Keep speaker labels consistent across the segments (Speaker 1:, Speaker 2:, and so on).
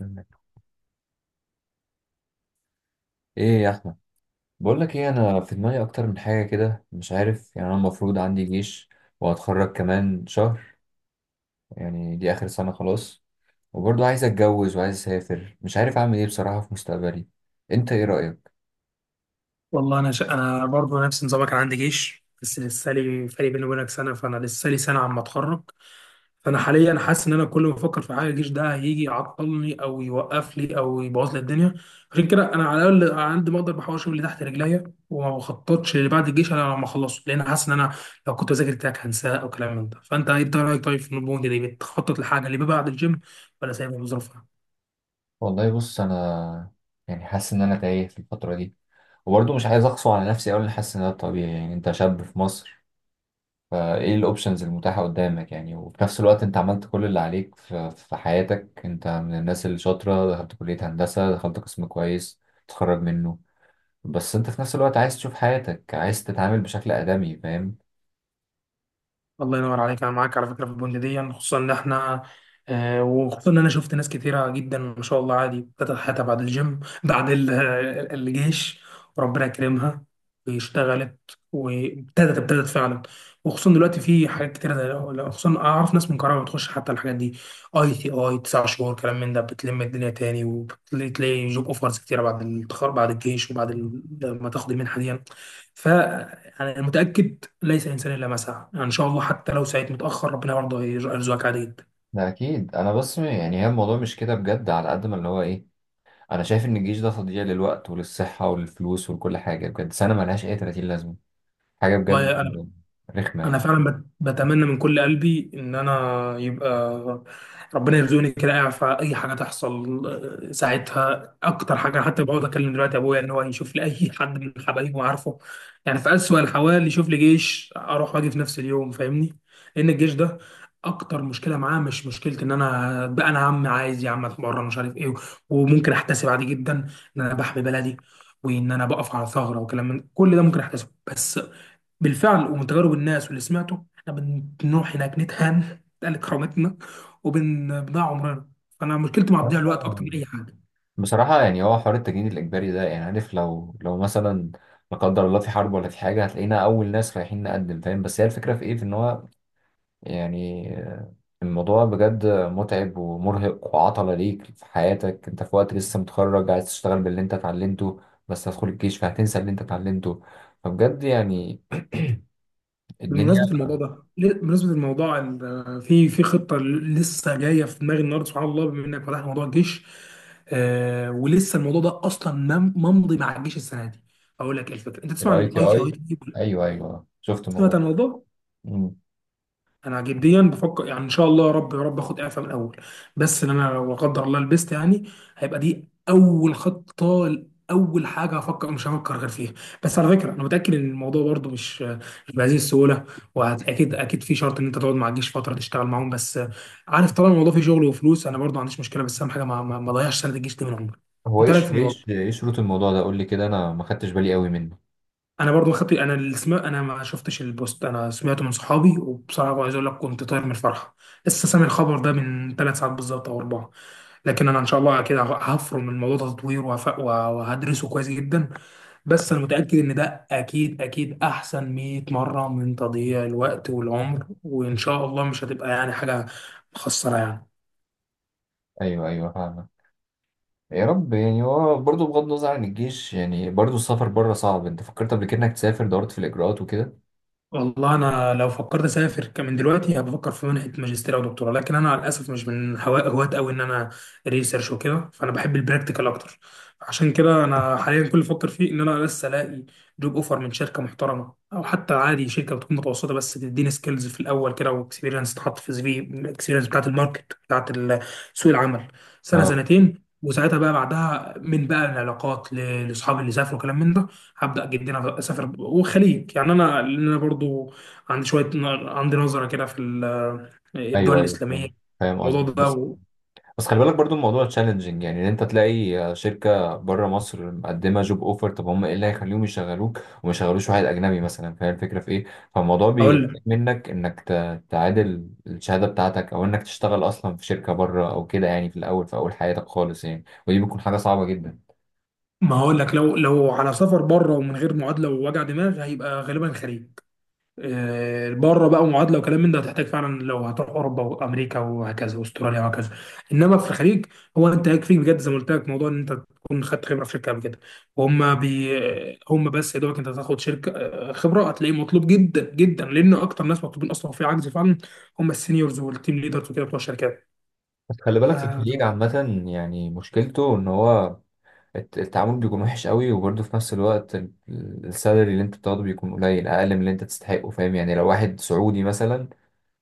Speaker 1: منك. ايه يا احمد؟ بقول لك ايه، انا في دماغي اكتر من حاجه كده مش عارف. يعني انا المفروض عندي جيش، وهتخرج كمان شهر، يعني دي اخر سنه خلاص. وبرضه عايز اتجوز وعايز اسافر، مش عارف اعمل ايه بصراحه في مستقبلي. انت ايه رايك؟
Speaker 2: والله انا برضه نفس نظامك. انا عندي جيش، بس لسه لي فرق بيني وبينك سنه، فانا لسه لي سنه عم اتخرج. فانا حاليا حاسس ان انا كل ما افكر في حاجه، الجيش ده هيجي يعطلني او يوقف لي او يبوظ لي الدنيا. عشان كده انا على الاقل على قد ما اقدر بحاول اشوف اللي تحت رجليا، وما بخططش اللي بعد الجيش الا لما اخلصه، لان حاسس ان انا لو كنت بذاكر تراك هنساه او كلام من ده. فانت ايه رايك طيب في النبوه دي بتخطط لحاجه اللي بعد الجيم، ولا سايبها بظروفها؟
Speaker 1: والله بص، انا يعني حاسس ان انا تايه في الفتره دي، وبرضه مش عايز اقسو على نفسي اقول ان حاسس ان ده طبيعي، يعني انت شاب في مصر، فايه الاوبشنز المتاحة قدامك؟ يعني وفي نفس الوقت انت عملت كل اللي عليك في حياتك. انت من الناس اللي شاطرة، دخلت كلية هندسة، دخلت قسم كويس تخرج منه. بس انت في نفس الوقت عايز تشوف حياتك، عايز تتعامل بشكل آدمي، فاهم؟
Speaker 2: الله ينور عليك، انا معاك على فكره في البند دي، خصوصا ان احنا وخصوصا ان انا شفت ناس كتيره جدا ما شاء الله عادي ابتدت حياتها بعد الجيم، بعد الجيش، وربنا كرمها واشتغلت، وابتدت فعلا. وخصوصا دلوقتي في حاجات كتيره، زي خصوصا اعرف ناس من كهرباء بتخش حتى الحاجات دي، اي تي اي تسع شهور كلام من ده، بتلم الدنيا تاني، وبتلاقي جوب اوفرز كتيره بعد التخرج بعد الجيش، وبعد لما تاخد المنحه دي. فانا متاكد، ليس انسان الا ما سعى، يعني ان شاء الله حتى لو سعيت متاخر ربنا برضه هيرزقك عادي
Speaker 1: ده اكيد، انا بس يعني هي الموضوع مش كده بجد، على قد ما اللي هو ايه، انا شايف ان الجيش ده تضييع للوقت وللصحة وللفلوس ولكل حاجة بجد، سنة ملهاش اي 30 لازمة، حاجة بجد
Speaker 2: جدا.
Speaker 1: رخمة
Speaker 2: انا
Speaker 1: يعني.
Speaker 2: فعلا بتمنى من كل قلبي ان انا يبقى ربنا يرزقني كده اعرف اي حاجه تحصل. ساعتها اكتر حاجه أنا حتى بقعد اكلم دلوقتي ابويا ان هو يشوف لي اي حد من حبايبه، عارفه، يعني في اسوأ الحوال يشوف لي جيش اروح واجي في نفس اليوم، فاهمني؟ لان الجيش ده اكتر مشكله معاه، مش مشكله ان انا بقى انا عم عايز يا عم اتمرن مش عارف ايه، وممكن احتسب عادي جدا ان انا بحمي بلدي، وان انا بقف على ثغره وكلام من كل ده ممكن احتسبه، بس بالفعل ومن تجارب الناس واللي سمعته احنا بنروح هناك نتهان نتقل كرامتنا وبنضيع عمرنا. فانا مشكلتي مع تضييع الوقت اكتر
Speaker 1: أيوة.
Speaker 2: من اي حاجه.
Speaker 1: بصراحة يعني هو حوار التجنيد الإجباري ده، يعني عارف، لو مثلا لا قدر الله في حرب ولا في حاجة، هتلاقينا أول ناس رايحين نقدم، فاهم؟ بس هي الفكرة في إيه، في إن هو يعني الموضوع بجد متعب ومرهق وعطلة ليك في حياتك، أنت في وقت لسه متخرج عايز تشتغل باللي أنت اتعلمته، بس هتدخل الجيش فهتنسى اللي أنت اتعلمته، فبجد يعني الدنيا.
Speaker 2: بمناسبه الموضوع ده ل- بمناسبه الموضوع ال- آه، في خطه لسه جايه في دماغي النهارده، سبحان الله بما انك فتحت موضوع الجيش، ولسه الموضوع ده اصلا ممضي مع الجيش السنه دي. اقول لك ايه الفكره، انت
Speaker 1: في
Speaker 2: تسمع
Speaker 1: الأي
Speaker 2: عن
Speaker 1: تي
Speaker 2: اي تي اي؟
Speaker 1: أي أيوه أيوه، شفت الموضوع
Speaker 2: سمعت
Speaker 1: ده.
Speaker 2: عن الموضوع.
Speaker 1: مم.
Speaker 2: انا جديا بفكر، يعني ان شاء الله يا رب يا رب اخد اعفاء من الاول، بس ان انا لو لا قدر الله لبست يعني، هيبقى دي اول خطه، اول حاجه هفكر مش هفكر غير فيها. بس على فكره انا متاكد ان الموضوع برضو مش بهذه السهوله، واكيد اكيد في شرط ان انت تقعد مع الجيش فتره تشتغل معاهم. بس عارف، طالما الموضوع فيه شغل وفلوس انا برضو ما عنديش مشكله، بس اهم حاجه ما اضيعش سنه الجيش دي من عمري.
Speaker 1: هو
Speaker 2: انت رايك
Speaker 1: إيش
Speaker 2: في الموضوع؟
Speaker 1: إيش إيه شروط الموضوع ده؟ قول لي كده، أنا ما خدتش بالي قوي منه.
Speaker 2: انا برضو خطي، انا انا ما شفتش البوست، انا سمعته من صحابي، وبصراحه عايز اقول لك كنت طاير من الفرحه. لسه سامع الخبر ده من ثلاث ساعات بالظبط او اربعه، لكن انا ان شاء الله كده هفرم الموضوع ده تطوير، وهدرسه كويس جدا. بس انا متاكد ان ده اكيد اكيد احسن 100 مره من تضييع الوقت والعمر، وان شاء الله مش هتبقى يعني حاجه مخسره يعني.
Speaker 1: أيوه أيوه، فاهمك. يا رب. يعني هو برضه بغض النظر عن الجيش، يعني برضه السفر بره صعب، انت فكرت قبل كده انك تسافر، دورت في الاجراءات وكده؟
Speaker 2: والله انا لو فكرت اسافر كمان دلوقتي هبفكر في منحه ماجستير او دكتوراه، لكن انا للاسف مش من هواة قوي ان انا ريسيرش وكده، فانا بحب البراكتيكال اكتر. عشان كده انا حاليا كل اللي بفكر فيه ان انا لسه الاقي جوب اوفر من شركه محترمه، او حتى عادي شركه بتكون متوسطه بس تديني سكيلز في الاول كده، واكسبيرينس تحط في سي في، الاكسبيرينس بتاعت الماركت بتاعت سوق العمل، سنه
Speaker 1: اه.
Speaker 2: سنتين، وساعتها بقى بعدها من بقى العلاقات لاصحابي اللي سافروا كلام من ده، هبدأ جدا اسافر. والخليج يعني انا، لان انا برضو عندي نظره كده في الدول
Speaker 1: ايوه ايوه،
Speaker 2: الاسلاميه،
Speaker 1: فاهم. فاهم
Speaker 2: الموضوع
Speaker 1: قصدك بس.
Speaker 2: ده.
Speaker 1: بس خلي بالك برضه الموضوع تشالنجينج، يعني ان انت تلاقي شركه بره مصر مقدمه جوب اوفر. طب هم ايه اللي هيخليهم يشغلوك وما يشغلوش واحد اجنبي مثلا؟ فاهم الفكره في ايه؟ فالموضوع
Speaker 2: واقول
Speaker 1: بيحتاج
Speaker 2: لك
Speaker 1: منك انك تعادل الشهاده بتاعتك، او انك تشتغل اصلا في شركه بره او كده، يعني في الاول في اول حياتك خالص، يعني ودي بتكون حاجه صعبه جدا.
Speaker 2: ما هقول لك، لو على سفر بره ومن غير معادله ووجع دماغ، هيبقى غالبا الخليج. بره بقى معادله وكلام من ده هتحتاج فعلا لو هتروح اوروبا وامريكا وهكذا، واستراليا وهكذا. انما في الخليج هو انت يكفيك بجد، زي ما قلت لك، موضوع ان انت تكون خدت خبره في شركه قبل كده، وهم بي هم بس يا دوبك انت تاخد شركه خبره، هتلاقيه مطلوب جدا جدا، لان اكتر ناس مطلوبين اصلا في عجز فعلا هم السينيورز والتيم ليدرز وكده بتوع الشركات.
Speaker 1: بس خلي بالك
Speaker 2: آه،
Speaker 1: الخليج عامة، يعني مشكلته ان هو التعامل بيكون وحش قوي، وبرضه في نفس الوقت السالري اللي انت بتاخده بيكون قليل، اقل من اللي انت تستحقه، فاهم؟ يعني لو واحد سعودي مثلا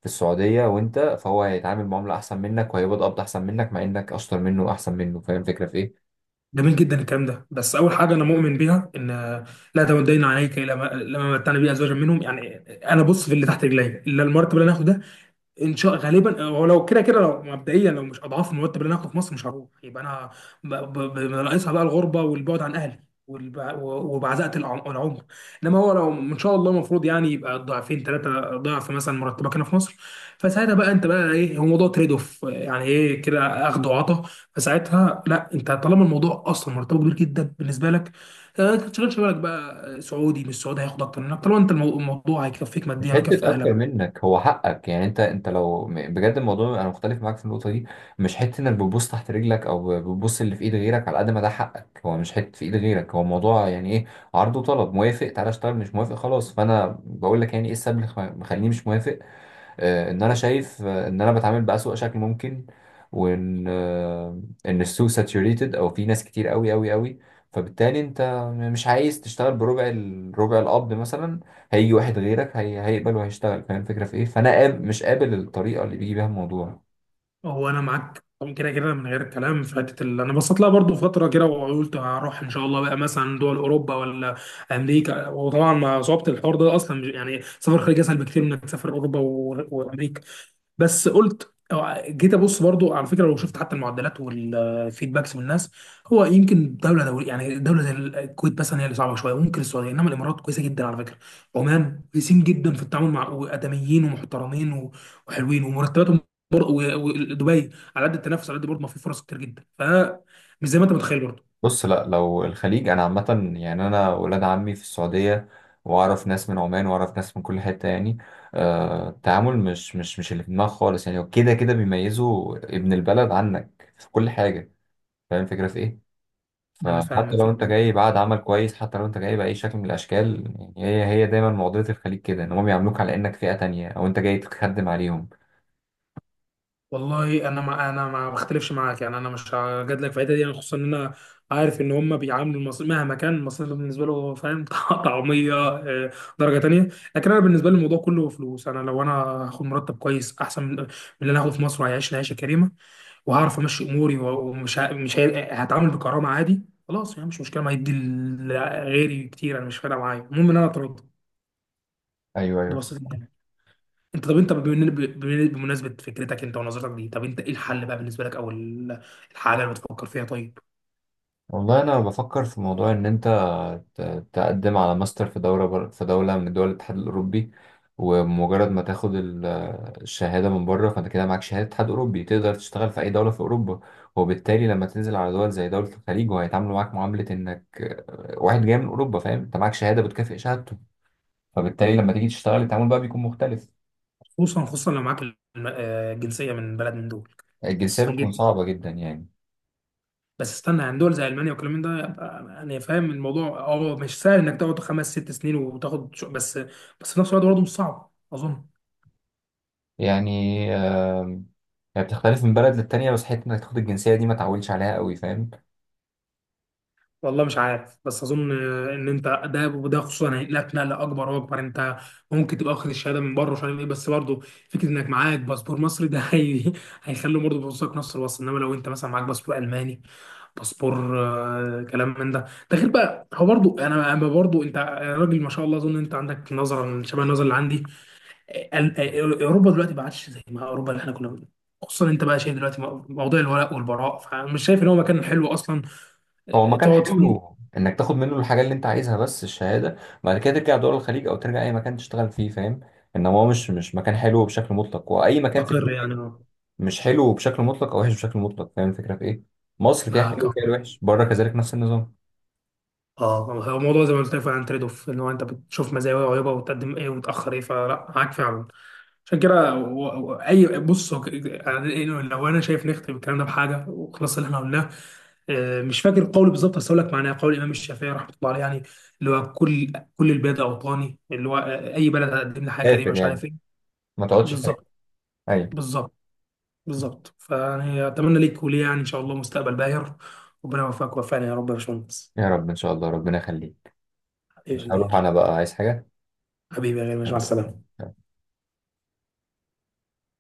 Speaker 1: في السعودية، وانت فهو هيتعامل معاملة احسن منك وهيقبض احسن منك، مع انك اشطر منه واحسن منه، فاهم الفكرة في ايه؟
Speaker 2: جميل جدا الكلام ده، بس اول حاجه انا مؤمن بيها ان لا تمدين عليك لما متعنا بيه ازواجا منهم يعني. انا بص في اللي تحت رجلي الا المرتب اللي انا هاخده، ان شاء غالبا هو لو كده كده لو مبدئيا، لو مش اضعاف المرتب اللي انا هاخده في مصر مش هروح، يبقى انا ناقصها بقى الغربه والبعد عن اهلي، وبعزقه العمر. انما هو لو ان شاء الله المفروض يعني يبقى ضعفين ثلاثه ضعف مثلا مرتبك هنا في مصر، فساعتها بقى انت بقى ايه، هو موضوع تريد اوف يعني، ايه كده اخد وعطا. فساعتها لا، انت طالما الموضوع اصلا مرتبه كبير جدا بالنسبه لك، ما تشغلش بالك بقى سعودي مش سعودي هياخد اكتر منك، طالما انت الموضوع هيكفيك
Speaker 1: مش
Speaker 2: ماديا ويكفي
Speaker 1: حتة أكتر
Speaker 2: اهلك.
Speaker 1: منك، هو حقك يعني. أنت لو بجد الموضوع، أنا مختلف معاك في النقطة دي. مش حتة إنك بتبص تحت رجلك أو بتبص اللي في إيد غيرك، على قد ما ده حقك. هو مش حتة في إيد غيرك، هو الموضوع يعني إيه؟ عرض وطلب، موافق تعالى اشتغل، مش موافق خلاص. فأنا بقول لك يعني إيه السبب اللي مخليني مش موافق. ان انا شايف ان انا بتعامل بأسوأ شكل ممكن، وان ان السوق ساتوريتد، او في ناس كتير قوي قوي قوي، فبالتالي انت مش عايز تشتغل بربع الربع القبض مثلا. هيجي واحد غيرك هيقبل وهيشتغل، فاهم الفكره في ايه؟ فانا مش قابل الطريقه اللي بيجي بيها الموضوع.
Speaker 2: هو انا معاك طبعا كده كده من غير الكلام، فاتت اللي انا بصيت لها برضو فتره كده، وقلت هروح ان شاء الله بقى مثلا دول اوروبا ولا امريكا، وطبعا مع صعوبه الحوار ده اصلا يعني سفر خارج اسهل بكتير من انك تسافر اوروبا وامريكا. بس قلت جيت ابص برضو على فكره، لو شفت حتى المعدلات والفيدباكس من الناس، هو يمكن دوله دولية يعني دوله زي الكويت مثلا هي اللي صعبه شويه، وممكن السعوديه، انما الامارات كويسه جدا على فكره، عمان كويسين جدا في التعامل، مع ادميين ومحترمين وحلوين ومرتباتهم، ودبي، على قد التنافس على قد برضه ما في فرص كتير جدا، مش زي ما انت متخيل برضه.
Speaker 1: بص، لا لو الخليج، انا عامه يعني انا ولاد عمي في السعوديه، واعرف ناس من عمان، واعرف ناس من كل حته يعني. التعامل مش اللي في دماغك خالص، يعني هو كده كده بيميزوا ابن البلد عنك في كل حاجه، فاهم الفكره في ايه؟
Speaker 2: انا فاهم
Speaker 1: فحتى لو
Speaker 2: الفكره
Speaker 1: انت
Speaker 2: دي،
Speaker 1: جاي بعد عمل كويس، حتى لو انت جاي باي شكل من الاشكال، يعني هي دايما معضله الخليج كده، ان هم بيعاملوك على انك فئه تانية او انت جاي تخدم عليهم.
Speaker 2: والله انا ما بختلفش معاك يعني، انا مش هجادلك في الحته دي، يعني خصوصا ان انا عارف ان هم بيعاملوا المصري مهما كان المصري بالنسبه له، فاهم، طعميه درجه تانيه. لكن انا بالنسبه لي الموضوع كله فلوس، انا لو انا هاخد مرتب كويس احسن من اللي انا هاخده في مصر وهيعيشني عيشه كريمه، وهعرف امشي اموري، ومش ه- مش هي... هتعامل بكرامه عادي، خلاص يعني مش مشكله، ما هيدي غيري كتير، انا مش فارقه معايا، المهم ان انا اترد،
Speaker 1: ايوه
Speaker 2: دي
Speaker 1: ايوه.
Speaker 2: بسيطه يعني. انت طب انت بمناسبه فكرتك انت ونظرتك دي، طب انت ايه الحل بقى بالنسبه لك، او الحاجه اللي بتفكر فيها طيب؟
Speaker 1: والله انا بفكر في موضوع ان انت تقدم على ماستر في في دوله من دول الاتحاد الاوروبي. ومجرد ما تاخد الشهاده من بره، فانت كده معاك شهاده اتحاد اوروبي، تقدر تشتغل في اي دوله في اوروبا. وبالتالي لما تنزل على دول زي دوله الخليج، وهيتعاملوا معاك معامله انك واحد جاي من اوروبا، فاهم؟ انت معاك شهاده بتكافئ شهادته، فبالتالي لما تيجي تشتغل التعامل بقى بيكون مختلف.
Speaker 2: خصوصا خصوصا لو معاك الجنسيه من بلد من دول.
Speaker 1: الجنسيه
Speaker 2: خصوصا
Speaker 1: بتكون
Speaker 2: جدا،
Speaker 1: صعبه جدا يعني.
Speaker 2: بس استنى يعني دول زي المانيا والكلام من ده، يبقى انا فاهم الموضوع مش سهل انك تقعد خمس ست سنين وتاخد بس في نفس الوقت برضه مش صعب اظن.
Speaker 1: يعني آم، يعني بتختلف من بلد للتانية، بس حتة انك تاخد الجنسية دي ما تعولش عليها قوي، فاهم؟
Speaker 2: والله مش عارف، بس اظن ان انت ده وده، خصوصا هينقلك نقله اكبر واكبر، انت ممكن تبقى واخد الشهاده من بره مش عارف ايه، بس برضه فكره انك معاك باسبور مصري ده هيخلي برضه بصك نفس الوصف، انما لو انت مثلا معاك باسبور الماني، باسبور كلام من ده، ده غير بقى. هو برضو، انا برضو انت، أنا راجل ما شاء الله اظن انت عندك نظره شبه النظره اللي عندي، اوروبا دلوقتي ما عادش زي ما اوروبا اللي احنا كنا خصوصا انت بقى شايف دلوقتي موضوع الولاء والبراء، فمش شايف ان هو مكان حلو اصلا
Speaker 1: هو مكان
Speaker 2: تقعد فيه.
Speaker 1: حلو انك تاخد منه الحاجه اللي انت عايزها، بس الشهاده، بعد كده ترجع دول الخليج او ترجع اي مكان تشتغل فيه، فاهم؟ انما هو مش مكان حلو بشكل مطلق. واي مكان في
Speaker 2: مستقر
Speaker 1: الدنيا
Speaker 2: يعني، اه.
Speaker 1: مش حلو بشكل مطلق او وحش بشكل مطلق، فاهم الفكره في ايه؟ مصر فيها
Speaker 2: معاك،
Speaker 1: حلو
Speaker 2: اه.
Speaker 1: وفيها الوحش، بره كذلك نفس النظام.
Speaker 2: اه. هو الموضوع زي ما قلت لك فعلا تريد اوف، ان هو انت بتشوف مزايا وعيوبها وتقدم ايه وتاخر ايه، فلا معاك فعلا. عشان كده هو- هو اي بص هو ك- يعني لو انا شايف نختم الكلام ده بحاجه وخلاص اللي احنا قلناه، مش فاكر القول بالظبط بس اقول لك معناه، قول الامام الشافعي رحمه الله عليه، يعني اللي هو كل البلاد اوطاني، اللي هو اي بلد هتقدم لي حاجه كريمه
Speaker 1: كافر
Speaker 2: مش
Speaker 1: يعني،
Speaker 2: عارف ايه.
Speaker 1: ما تقعدش فاكر.
Speaker 2: بالظبط.
Speaker 1: ايوه.
Speaker 2: بالظبط. بالظبط، فيعني اتمنى ليك وليه يعني ان شاء الله مستقبل باهر، ربنا يوفقك ويوفقنا يا رب، يا باشمهندس.
Speaker 1: يا رب ان شاء الله، ربنا يخليك.
Speaker 2: ايوه يا
Speaker 1: مش هروح،
Speaker 2: كبير.
Speaker 1: انا بقى عايز حاجه.
Speaker 2: حبيبي يا غالي، ماشي، مع السلامه.